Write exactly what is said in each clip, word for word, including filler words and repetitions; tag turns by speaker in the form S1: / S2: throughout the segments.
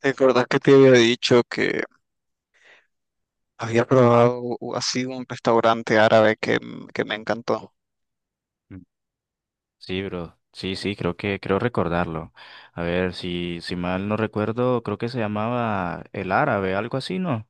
S1: ¿Te acordás que te había dicho que había probado u- así un restaurante árabe que, m- que me encantó?
S2: Mm. Sí, bro. Sí, sí, creo que creo recordarlo. A ver, si si mal no recuerdo, creo que se llamaba El Árabe, algo así, ¿no?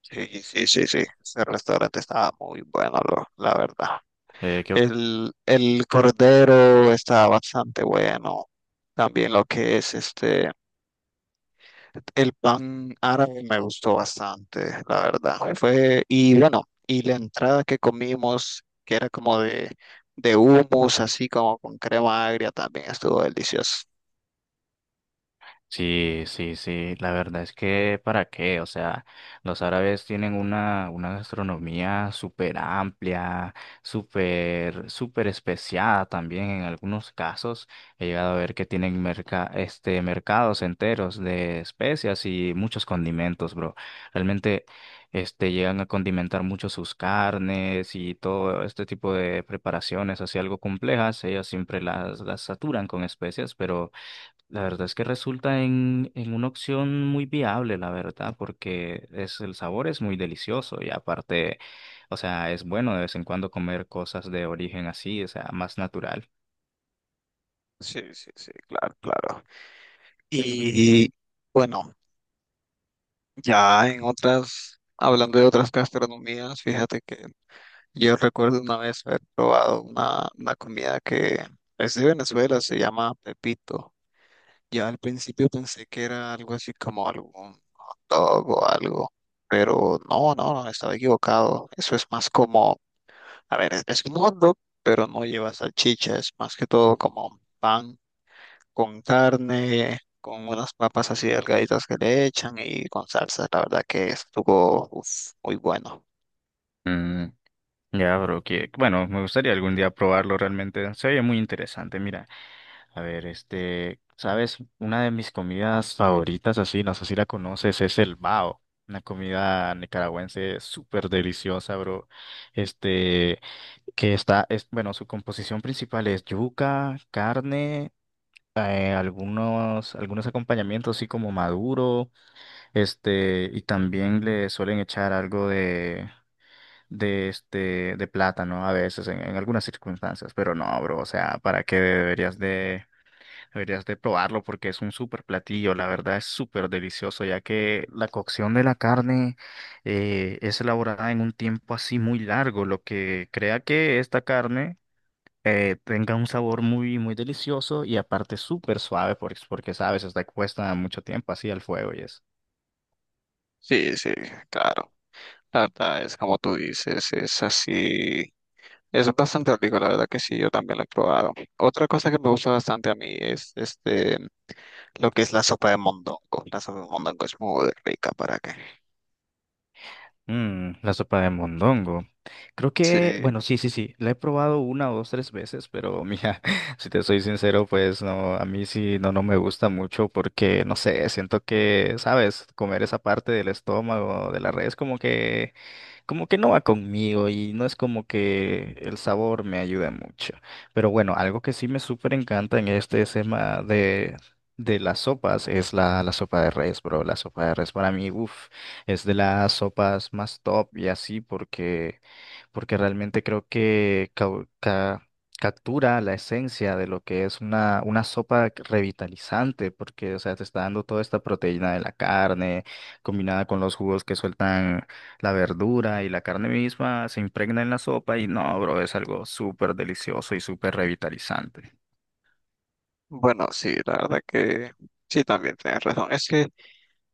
S1: Sí, sí, sí, sí, ese restaurante estaba muy bueno, lo- la verdad.
S2: Eh, ¿qué
S1: El, el cordero estaba bastante bueno. También lo que es este, el pan árabe me gustó bastante, la verdad. Fue, y bueno, y la entrada que comimos, que era como de, de hummus, así como con crema agria, también estuvo delicioso.
S2: Sí, sí, sí, la verdad es que para qué, o sea, los árabes tienen una, una gastronomía súper amplia, súper, súper especiada también en algunos casos. He llegado a ver que tienen merca, este, mercados enteros de especias y muchos condimentos, bro. Realmente, este, llegan a condimentar mucho sus carnes y todo este tipo de preparaciones, así algo complejas. Ellos siempre las, las saturan con especias, pero la verdad es que resulta en, en una opción muy viable, la verdad, porque es, el sabor es muy delicioso y aparte, o sea, es bueno de vez en cuando comer cosas de origen así, o sea, más natural.
S1: Sí, sí, sí, claro, claro. Y bueno, ya en otras, hablando de otras gastronomías, fíjate que yo recuerdo una vez haber probado una, una comida que es de Venezuela, se llama Pepito. Yo al principio pensé que era algo así como algún dog o algo, pero no, no, no, estaba equivocado. Eso es más como, a ver, es es un hot dog, pero no lleva salchicha, es más que todo como pan con carne, con unas papas así delgaditas que le echan y con salsa. La verdad que estuvo uf, muy bueno.
S2: Ya, bro, que bueno, me gustaría algún día probarlo realmente. Se oye muy interesante. Mira, a ver, este, ¿sabes? Una de mis comidas favoritas, así, no sé si la conoces, es el bao. Una comida nicaragüense súper deliciosa, bro. Este, que está, es, bueno, su composición principal es yuca, carne, eh, algunos, algunos acompañamientos así como maduro, este, y también le suelen echar algo de este de plátano a veces en, en algunas circunstancias, pero no, bro, o sea, ¿para qué deberías de deberías de probarlo? Porque es un súper platillo, la verdad es súper delicioso, ya que la cocción de la carne eh, es elaborada en un tiempo así muy largo, lo que crea que esta carne eh, tenga un sabor muy muy delicioso y aparte súper suave porque, porque sabes, está expuesta mucho tiempo así al fuego y es.
S1: Sí, sí, claro. La verdad es como tú dices, es así. Es bastante rico, la verdad que sí, yo también lo he probado. Otra cosa que me gusta bastante a mí es este, lo que es la sopa de mondongo. La sopa de mondongo es muy rica, ¿para qué?
S2: Mm, la sopa de mondongo. Creo
S1: Sí,
S2: que, bueno, sí, sí, sí, la he probado una o dos, tres veces, pero mira, si te soy sincero, pues no, a mí sí, no, no me gusta mucho porque, no sé, siento que, sabes, comer esa parte del estómago, de la res, como que como que no va conmigo y no es como que el sabor me ayude mucho. Pero bueno, algo que sí me súper encanta en este tema de, de las sopas es la, la sopa de res, bro. La sopa de res para mí, uff, es de las sopas más top y así porque, porque realmente creo que cau- ca- captura la esencia de lo que es una, una sopa revitalizante porque, o sea, te está dando toda esta proteína de la carne combinada con los jugos que sueltan la verdura y la carne misma se impregna en la sopa y no, bro, es algo súper delicioso y súper revitalizante.
S1: bueno, sí, la verdad que sí, también tienes razón. Es que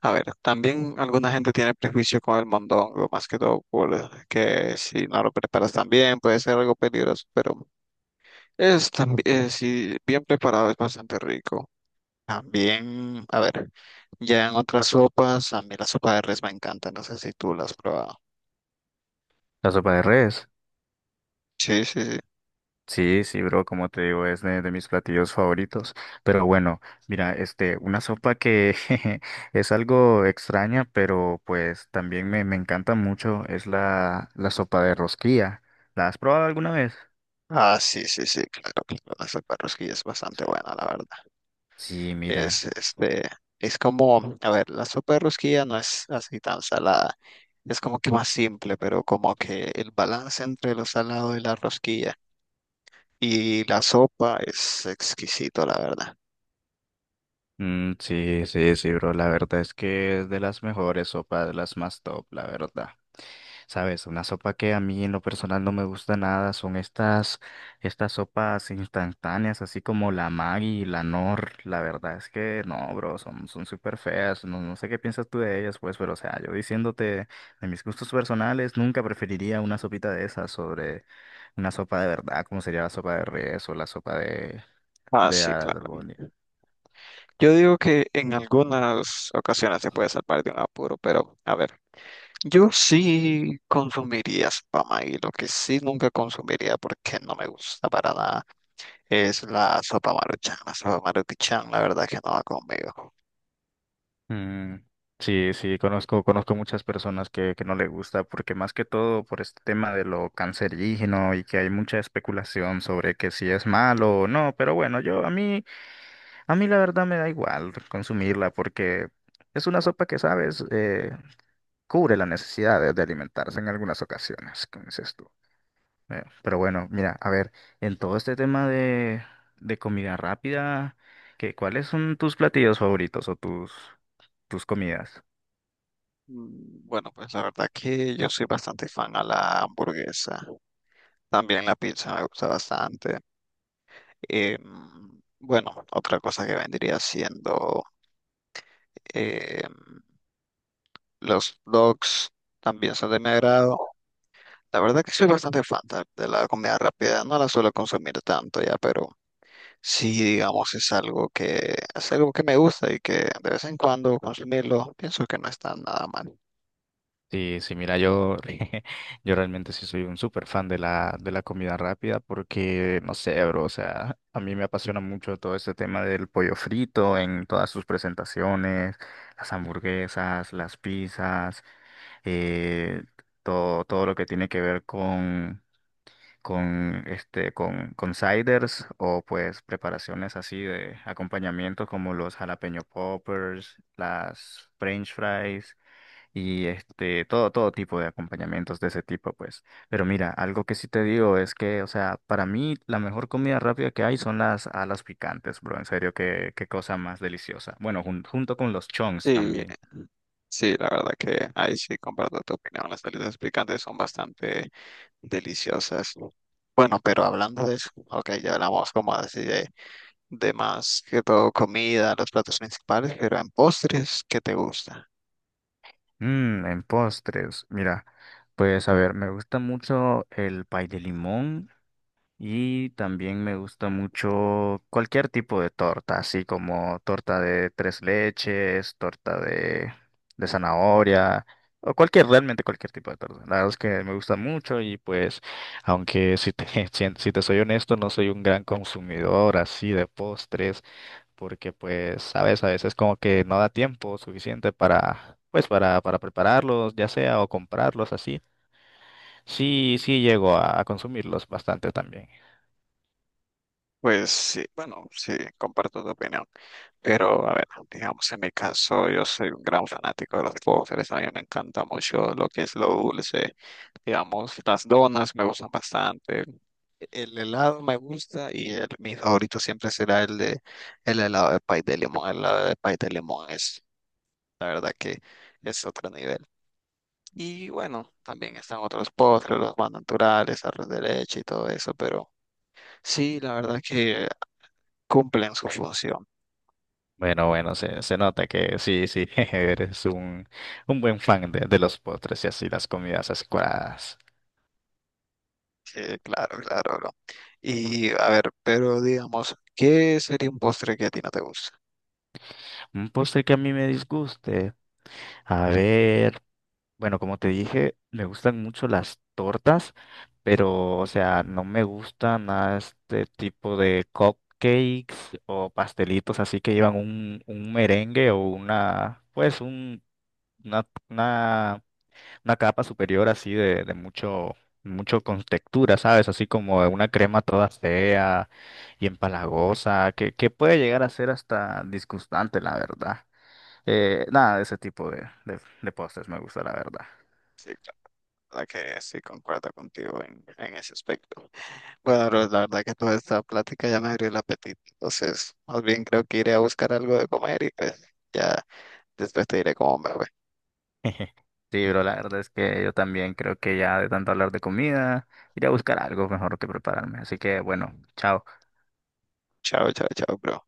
S1: a ver, también alguna gente tiene prejuicio con el mondongo, más que todo por eh, que si no lo preparas tan bien puede ser algo peligroso, pero es también, si bien preparado es bastante rico. También, a ver, ya en otras sopas, a mí la sopa de res me encanta, no sé si tú la has probado.
S2: La sopa de res.
S1: Sí, sí, sí.
S2: Sí, sí, bro, como te digo, es de, de mis platillos favoritos. Pero bueno, mira, este, una sopa que es algo extraña, pero pues también me, me encanta mucho, es la, la sopa de rosquilla. ¿La has probado alguna vez?
S1: Ah, sí, sí, sí, claro, claro, la sopa de res que es bastante buena, la verdad.
S2: Sí, mira.
S1: Es, este, es como, a ver, la sopa de rosquilla no es así tan salada, es como que más simple, pero como que el balance entre lo salado y la rosquilla y la sopa es exquisito, la verdad.
S2: Mm, sí, sí, sí, bro. La verdad es que es de las mejores sopas, de las más top, la verdad. Sabes, una sopa que a mí en lo personal no me gusta nada son estas, estas sopas instantáneas, así como la Maggi y la Nor. La verdad es que no, bro, son, son súper feas. No, no sé qué piensas tú de ellas, pues, pero o sea, yo diciéndote de mis gustos personales, nunca preferiría una sopita de esas sobre una sopa de verdad, como sería la sopa de res o la sopa de,
S1: Ah,
S2: de
S1: sí, claro.
S2: albóndigas.
S1: Yo digo que en algunas ocasiones se puede salvar de un apuro, pero a ver, yo sí consumiría sopa maíz, lo que sí nunca consumiría porque no me gusta para nada es la sopa maruchan. La sopa maruchan, la verdad que no va conmigo.
S2: Mm, sí, sí, conozco, conozco muchas personas que, que no le gusta, porque más que todo por este tema de lo cancerígeno y que hay mucha especulación sobre que si es malo o no, pero bueno, yo a mí, a mí la verdad me da igual consumirla porque es una sopa que, sabes, eh, cubre las necesidades de alimentarse en algunas ocasiones, como dices tú. Eh, pero bueno, mira, a ver, en todo este tema de, de comida rápida, ¿qué, ¿cuáles son tus platillos favoritos o tus, tus comidas?
S1: Mm, bueno, pues la verdad que yo soy bastante fan a la hamburguesa. También la pizza me gusta bastante. Em, bueno, otra cosa que vendría siendo em, los dogs también son de mi agrado. La verdad que soy bastante fan ta- de la comida rápida. No la suelo consumir tanto ya, pero sí, digamos, es algo que es algo que me gusta y que de vez en cuando consumirlo pienso que no está nada mal.
S2: Sí, sí, mira, yo, yo realmente sí soy un súper fan de la, de la comida rápida porque, no sé, bro, o sea, a mí me apasiona mucho todo este tema del pollo frito en todas sus presentaciones, las hamburguesas, las pizzas, eh, todo, todo lo que tiene que ver con, con, este, con, con ciders o pues preparaciones así de acompañamiento como los jalapeño poppers, las french fries y este, todo, todo tipo de acompañamientos de ese tipo, pues. Pero mira, algo que sí te digo es que, o sea, para mí la mejor comida rápida que hay son las alas picantes, bro. En serio, qué, qué cosa más deliciosa. Bueno, jun- junto con los chongs
S1: Sí,
S2: también.
S1: sí, la verdad que ahí sí comparto tu opinión. Las salidas picantes son bastante deliciosas. Bueno, pero hablando de eso, ok, ya hablamos como así de, de más que todo comida, los platos principales, pero en postres, ¿qué te gusta?
S2: Mmm, en postres, mira, pues a ver, me gusta mucho el pay de limón. Y también me gusta mucho cualquier tipo de torta, así como torta de tres leches, torta de, de zanahoria, o cualquier, realmente cualquier tipo de torta. La verdad es que me gusta mucho y pues, aunque si te, si, si te soy honesto, no soy un gran consumidor así de postres, porque pues, sabes, a veces como que no da tiempo suficiente para, pues, para, para prepararlos, ya sea, o comprarlos así. Sí, sí llego a a consumirlos bastante también.
S1: Pues sí, bueno, sí, comparto tu opinión. Pero a ver, digamos en mi caso, yo soy un gran fanático de los postres. A mí me encanta mucho lo que es lo dulce. Digamos, las donas me gustan bastante. El helado me gusta y el- mi favorito siempre será el de el helado de pay de limón. El helado de pay de limón es, la verdad que es otro nivel. Y bueno, también están otros postres, los más naturales, arroz de leche y todo eso, pero sí, la verdad que cumplen su función.
S2: Bueno, bueno, se, se nota que sí, sí, eres un, un buen fan de, de los postres y así las comidas azucaradas.
S1: Sí, claro, claro, bro. Y a ver, pero digamos, ¿qué sería un postre que a ti no te gusta?
S2: Un postre que a mí me disguste. A ver, bueno, como te dije, me gustan mucho las tortas, pero, o sea, no me gusta nada este tipo de cupcakes o pastelitos así que llevan un, un merengue o una, pues, un, una, una una capa superior así de, de mucho, mucho con textura, ¿sabes? Así como una crema toda fea y empalagosa, que, que puede llegar a ser hasta disgustante, la verdad. Eh, nada de ese tipo de, de, de postres me gusta, la verdad.
S1: Sí, claro, la verdad que sí concuerdo contigo en, en ese aspecto. Bueno, bro, la verdad que toda esta plática ya me abrió el apetito. Entonces, más bien creo que iré a buscar algo de comer y pues ya después te diré cómo me fue.
S2: Sí, bro, la verdad es que yo también creo que ya de tanto hablar de comida, iré a buscar algo mejor que prepararme. Así que bueno, chao.
S1: Chao, chao, chao, bro.